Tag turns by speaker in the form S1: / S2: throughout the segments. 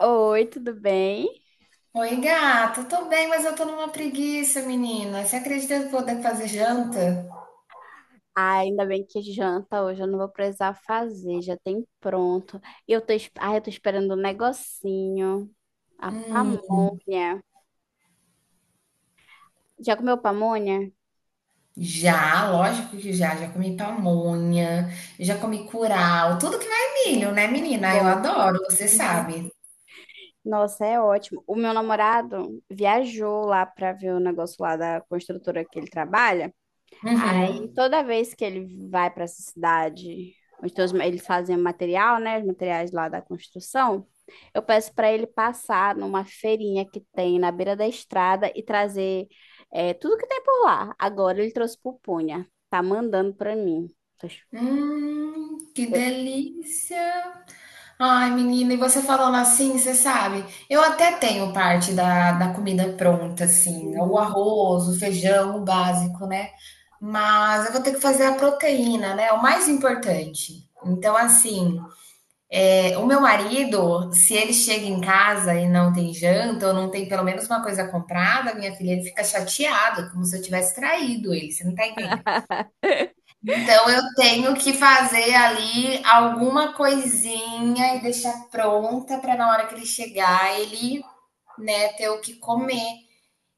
S1: Oi, tudo bem?
S2: Oi, gato. Tô bem, mas eu tô numa preguiça, menina. Você acredita que eu vou ter que fazer janta?
S1: Ah, ainda bem que janta hoje, eu não vou precisar fazer, já tem pronto. E eu tô esperando um negocinho, a
S2: Hum,
S1: pamonha. Já comeu pamonha?
S2: já, lógico que já. Já comi pamonha, já comi curau, tudo que vai milho, né, menina? Eu
S1: Bom.
S2: adoro, você
S1: Uhum.
S2: sabe.
S1: Nossa, é ótimo. O meu namorado viajou lá pra ver o negócio lá da construtora que ele trabalha. Aí
S2: Uhum.
S1: toda vez que ele vai para essa cidade, onde todos, eles fazem material, né? Os materiais lá da construção, eu peço para ele passar numa feirinha que tem na beira da estrada e trazer tudo que tem por lá. Agora ele trouxe pupunha, tá mandando para mim. Tô ch-
S2: Que
S1: Eu,
S2: delícia. Ai, menina, e você falando assim, você sabe? Eu até tenho parte da comida pronta, assim, o
S1: Uhum.
S2: arroz, o feijão, o básico, né? Mas eu vou ter que fazer a proteína, né? O mais importante. Então, assim, o meu marido, se ele chega em casa e não tem janta, ou não tem pelo menos uma coisa comprada, minha filha, ele fica chateado, como se eu tivesse traído ele, você não tá entendendo? Então eu tenho que fazer ali alguma coisinha e deixar pronta para na hora que ele chegar, ele, né, ter o que comer.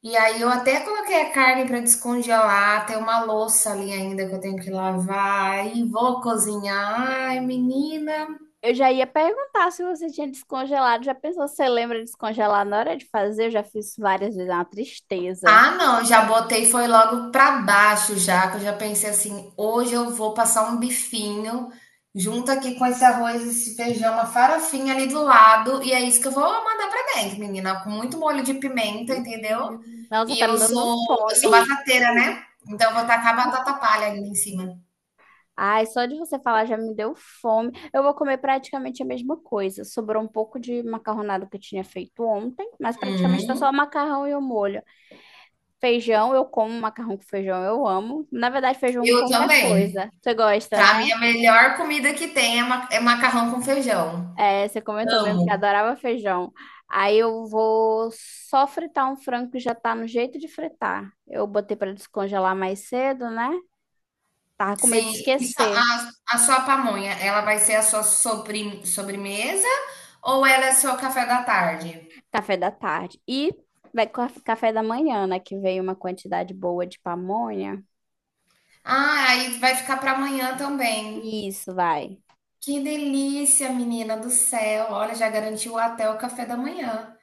S2: E aí eu até coloquei a carne para descongelar, tem uma louça ali ainda que eu tenho que lavar e vou cozinhar. Ai, menina.
S1: Eu já ia perguntar se você tinha descongelado. Já pensou se você lembra de descongelar na hora de fazer? Eu já fiz várias vezes, é uma tristeza.
S2: Ah, não, já botei foi logo pra baixo já, que eu já pensei assim, hoje eu vou passar um bifinho junto aqui com esse arroz, esse feijão, uma farofinha ali do lado, e é isso que eu vou mandar pra dentro, menina, com muito molho de pimenta, entendeu?
S1: Hum. Nossa,
S2: E
S1: tá me
S2: eu
S1: dando
S2: sou eu sou
S1: fome.
S2: batateira, né? Então eu vou tacar batata palha ainda em cima.
S1: Ai, só de você falar já me deu fome. Eu vou comer praticamente a mesma coisa. Sobrou um pouco de macarronada que eu tinha feito ontem, mas praticamente tá
S2: Hum,
S1: só macarrão e o molho. Feijão, eu como macarrão com feijão, eu amo. Na verdade, feijão com
S2: eu
S1: qualquer
S2: também.
S1: coisa. Você gosta,
S2: Pra mim
S1: né?
S2: a melhor comida que tem é ma é macarrão com feijão.
S1: É, você comentou mesmo que
S2: Amo.
S1: adorava feijão. Aí eu vou só fritar um frango que já tá no jeito de fritar. Eu botei pra descongelar mais cedo, né? Tava com medo
S2: Sim,
S1: de
S2: e só-
S1: esquecer.
S2: a, a sua pamonha, ela vai ser a sua sobremesa ou ela é seu café da tarde?
S1: Café da tarde. E vai com café da manhã, né? Que veio uma quantidade boa de pamonha.
S2: Ah, aí vai ficar para amanhã também.
S1: Isso, vai.
S2: Que delícia, menina do céu. Olha, já garantiu até o café da manhã.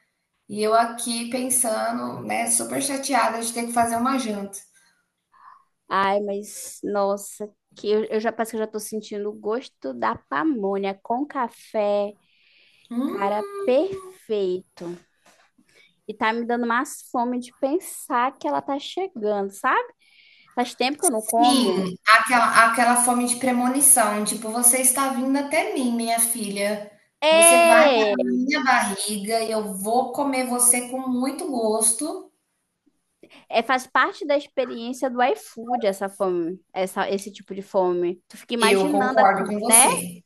S2: E eu aqui pensando, né, super chateada de ter que fazer uma janta.
S1: Ai, mas nossa, que eu já parece que eu já tô sentindo o gosto da pamonha com café.
S2: Hum.
S1: Cara, perfeito. E tá me dando mais fome de pensar que ela tá chegando, sabe? Faz tempo que eu não como.
S2: Sim, aquela fome de premonição, tipo: "Você está vindo até mim, minha filha. Você vai para
S1: É,
S2: na minha barriga e eu vou comer você com muito gosto".
S1: é, faz parte da experiência do iFood essa fome, esse tipo de fome. Tu fica
S2: Eu
S1: imaginando a
S2: concordo com
S1: comida, né?
S2: você.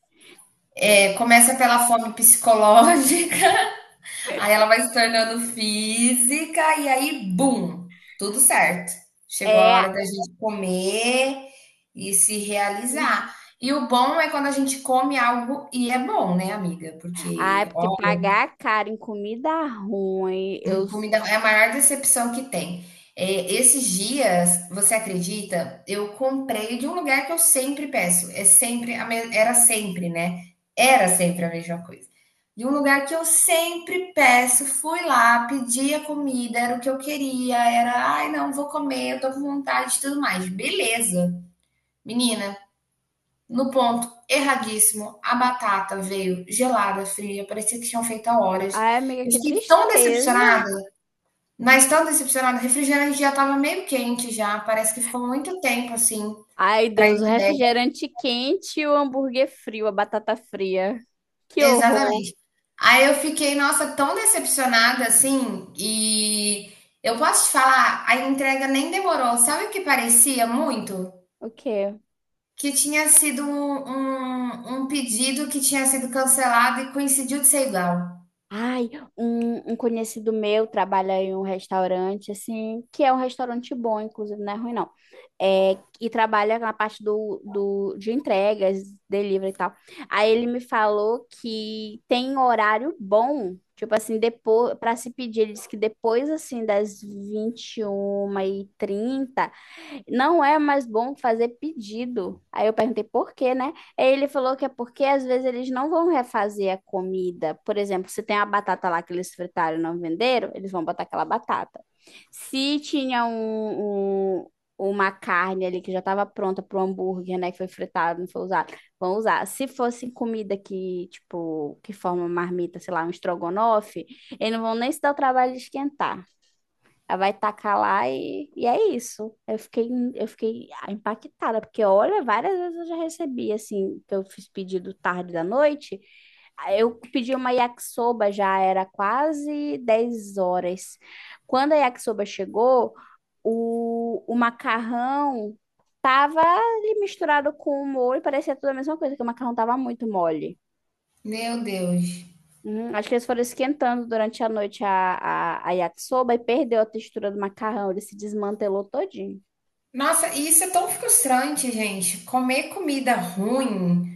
S2: É, começa pela fome psicológica, aí ela vai se tornando física e aí bum, tudo certo. Chegou a
S1: É,
S2: hora da gente comer e se realizar. E o bom é quando a gente come algo e é bom, né, amiga, porque,
S1: ai, porque
S2: ó.
S1: pagar caro em comida ruim, eu.
S2: Hum. Comida é a maior decepção que tem. É, esses dias, você acredita? Eu comprei de um lugar que eu sempre peço. Era sempre, né? Era sempre a mesma coisa. De um lugar que eu sempre peço, fui lá, pedi a comida, era o que eu queria, era, ai, não, vou comer, eu tô com vontade e tudo mais. Beleza. Menina, no ponto erradíssimo, a batata veio gelada, fria, parecia que tinham feito há horas.
S1: Ai, amiga,
S2: Eu
S1: que
S2: fiquei tão
S1: tristeza.
S2: decepcionada. Mas tão decepcionada, o refrigerante já estava meio quente já, parece que ficou muito tempo assim
S1: Ai,
S2: para
S1: Deus, o
S2: entrega.
S1: refrigerante quente e o hambúrguer frio, a batata fria. Que horror.
S2: Exatamente. Aí eu fiquei, nossa, tão decepcionada assim, e eu posso te falar, a entrega nem demorou. Sabe o que parecia muito?
S1: O quê?
S2: Que tinha sido um um pedido que tinha sido cancelado e coincidiu de ser igual.
S1: Ai, um conhecido meu trabalha em um restaurante, assim, que é um restaurante bom, inclusive, não é ruim, não. É, e trabalha na parte de entregas, delivery e tal. Aí ele me falou que tem horário bom, tipo assim, depois, para se pedir, ele disse que depois, assim, das 21:30 não é mais bom fazer pedido. Aí eu perguntei por quê, né? Aí ele falou que é porque às vezes eles não vão refazer a comida. Por exemplo, se tem a batata lá que eles fritaram e não venderam, eles vão botar aquela batata. Se tinha uma carne ali que já estava pronta para o hambúrguer, né, que foi fritado, não foi usado, vão usar. Se fosse comida que, tipo, que forma marmita, sei lá, um estrogonofe, eles não vão nem se dar o trabalho de esquentar. Ela vai tacar lá e é isso. Eu fiquei impactada, porque olha, várias vezes eu já recebi, assim, que eu fiz pedido tarde da noite. Aí eu pedi uma yakisoba, já era quase 10 horas. Quando a yakisoba chegou, o macarrão tava ali misturado com o molho, parecia tudo a mesma coisa, que o macarrão tava muito mole.
S2: Meu Deus.
S1: Acho que eles foram esquentando durante a noite a yakisoba e perdeu a textura do macarrão. Ele se desmantelou todinho.
S2: Nossa, e isso é tão frustrante, gente. Comer comida ruim.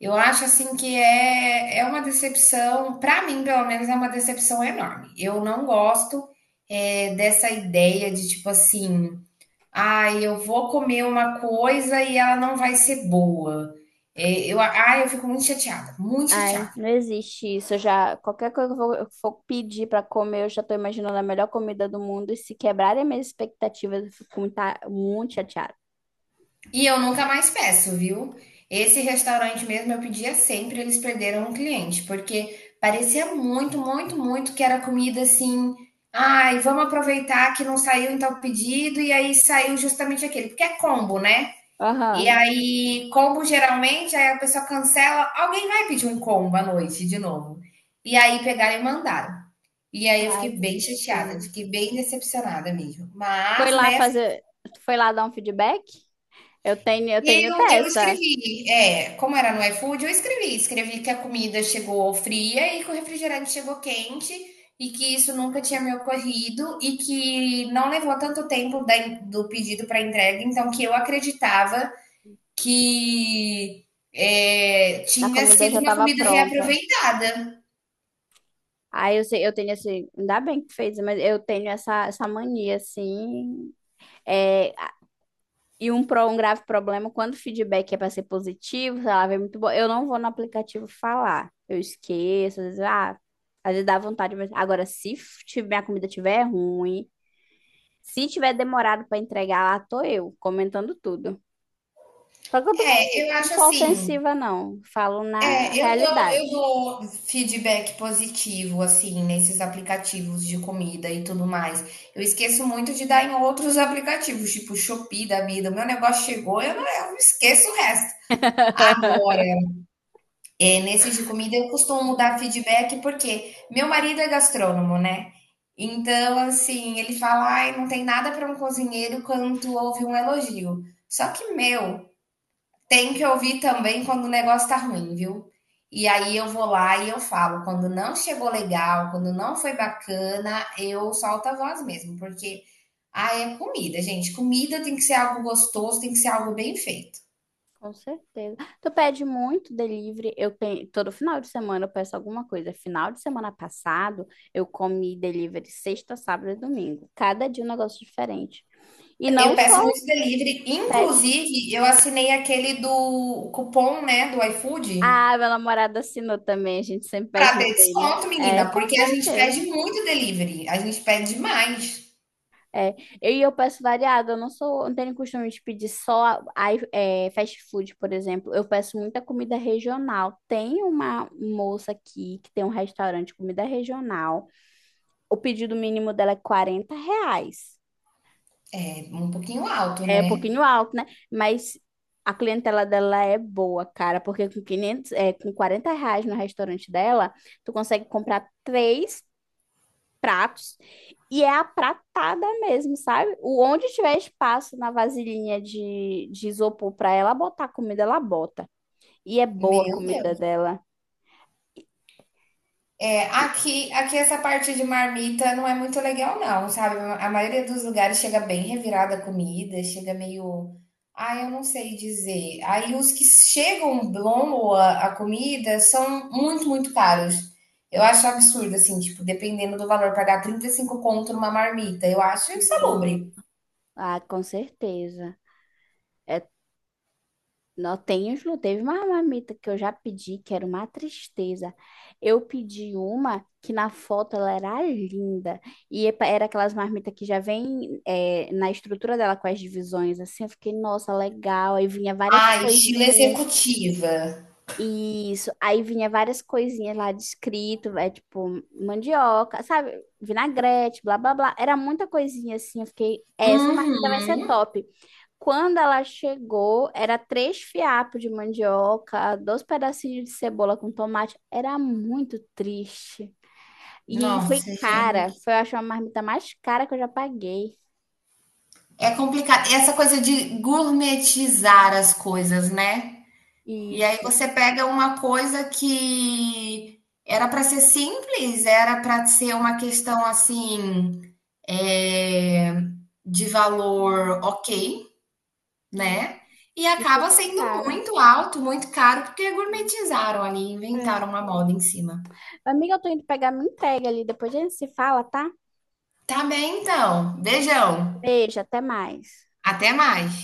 S2: Eu acho assim que é uma decepção, para mim, pelo menos, é uma decepção enorme. Eu não gosto dessa ideia de tipo assim, ah, eu vou comer uma coisa e ela não vai ser boa. Eu fico muito chateada, muito
S1: Ai,
S2: chateada.
S1: não existe isso. Eu já, qualquer coisa que eu for pedir para comer, eu já tô imaginando a melhor comida do mundo. E se quebrarem as minhas expectativas, eu fico muito, muito chateada.
S2: E eu nunca mais peço, viu? Esse restaurante mesmo eu pedia sempre, eles perderam um cliente, porque parecia muito, muito, muito que era comida assim. Ai, vamos aproveitar que não saiu então o pedido, e aí saiu justamente aquele, porque é combo, né? E
S1: Aham.
S2: aí, combo geralmente, aí a pessoa cancela, alguém vai pedir um combo à noite de novo. E aí pegaram e mandaram. E aí eu
S1: Ai,
S2: fiquei
S1: que
S2: bem chateada,
S1: tristeza.
S2: fiquei bem decepcionada mesmo.
S1: Foi
S2: Mas,
S1: lá
S2: né.
S1: fazer. Tu foi lá dar um feedback? Eu tenho
S2: Eu
S1: dessa.
S2: escrevi, é, como era no iFood, eu escrevi, escrevi que a comida chegou fria e que o refrigerante chegou quente e que isso nunca tinha me ocorrido e que não levou tanto tempo da do pedido para entrega, então que eu acreditava que
S1: A
S2: tinha
S1: comida
S2: sido
S1: já
S2: uma
S1: estava
S2: comida
S1: pronta.
S2: reaproveitada.
S1: Aí eu sei, eu tenho esse, ainda bem que fez, mas eu tenho essa mania, assim, é, um grave problema, quando o feedback é para ser positivo, sei lá, vem muito bom, eu não vou no aplicativo falar, eu esqueço, às vezes, às vezes dá vontade, mas agora, se minha comida tiver ruim, se tiver demorado para entregar, lá tô eu, comentando tudo. Só que eu
S2: É,
S1: também
S2: eu
S1: não
S2: acho
S1: sou
S2: assim,
S1: ofensiva, não, falo na
S2: é, eu dou eu
S1: realidade.
S2: dou feedback positivo, assim, nesses aplicativos de comida e tudo mais. Eu esqueço muito de dar em outros aplicativos, tipo Shopee da vida. Meu negócio chegou, eu não eu esqueço o resto. Agora, é, nesses de comida, eu costumo dar feedback porque meu marido é gastrônomo, né. Então, assim, ele fala: "Ai, não tem nada para um cozinheiro quanto ouvir um elogio". Só que, meu, tem que ouvir também quando o negócio tá ruim, viu? E aí eu vou lá e eu falo, quando não chegou legal, quando não foi bacana, eu solto a voz mesmo, porque ah, é comida, gente. Comida tem que ser algo gostoso, tem que ser algo bem feito.
S1: Com certeza. Tu pede muito delivery. Eu tenho, todo final de semana eu peço alguma coisa. Final de semana passado, eu comi delivery sexta, sábado e domingo. Cada dia um negócio diferente. E
S2: Eu
S1: não
S2: peço
S1: só
S2: muito
S1: os
S2: delivery,
S1: que pede.
S2: inclusive eu assinei aquele do cupom, né, do iFood,
S1: Ah, meu namorado assinou também. A gente sempre
S2: para
S1: pede no
S2: ter
S1: dele.
S2: desconto,
S1: É,
S2: menina,
S1: com
S2: porque a gente
S1: certeza.
S2: pede muito delivery, a gente pede demais,
S1: É. Eu peço variado. Eu não sou, não tenho costume de pedir só fast food, por exemplo. Eu peço muita comida regional. Tem uma moça aqui que tem um restaurante de comida regional. O pedido mínimo dela é R$ 40.
S2: é um pouquinho alto,
S1: É um
S2: né?
S1: pouquinho alto, né? Mas a clientela dela é boa, cara, porque com R$ 40 no restaurante dela, tu consegue comprar três pratos e é a pratada mesmo, sabe? O onde tiver espaço na vasilhinha de isopor pra ela botar comida, ela bota. E é boa a
S2: Meu
S1: comida
S2: Deus.
S1: dela.
S2: É, aqui essa parte de marmita não é muito legal, não, sabe? A maioria dos lugares chega bem revirada a comida, chega meio. Ah, eu não sei dizer. Aí os que chegam boa a comida são muito, muito caros. Eu acho absurdo, assim, tipo, dependendo do valor, pagar 35 conto numa marmita. Eu acho insalubre.
S1: Ah, com certeza. É, não tem os, não. Teve uma marmita que eu já pedi, que era uma tristeza. Eu pedi uma que na foto ela era linda. E era aquelas marmitas que já vem na estrutura dela com as divisões, assim. Eu fiquei, nossa, legal. Aí vinha várias
S2: Ah, estilo
S1: coisinhas.
S2: executiva.
S1: Isso. Aí vinha várias coisinhas lá descrito, é tipo mandioca, sabe? Vinagrete, blá, blá, blá. Era muita coisinha assim. Eu fiquei, "É, essa marmita vai ser
S2: Uhum.
S1: top. Quando ela chegou, era três fiapos de mandioca, dois pedacinhos de cebola com tomate. Era muito triste. E foi
S2: Nossa,
S1: cara.
S2: gente.
S1: Foi, eu acho, a marmita mais cara que eu já paguei.
S2: É complicado. Essa coisa de gourmetizar as coisas, né? E aí
S1: Isso.
S2: você pega uma coisa que era para ser simples, era para ser uma questão assim, é, de valor ok,
S1: Uhum.
S2: né? E
S1: E
S2: acaba
S1: fica
S2: sendo
S1: cara.
S2: muito alto, muito caro, porque gourmetizaram ali,
S1: É.
S2: inventaram uma moda em cima.
S1: Amiga, eu tô indo pegar minha entrega ali. Depois a gente se fala, tá?
S2: Tá bem, então. Beijão.
S1: Beijo, até mais.
S2: Até mais.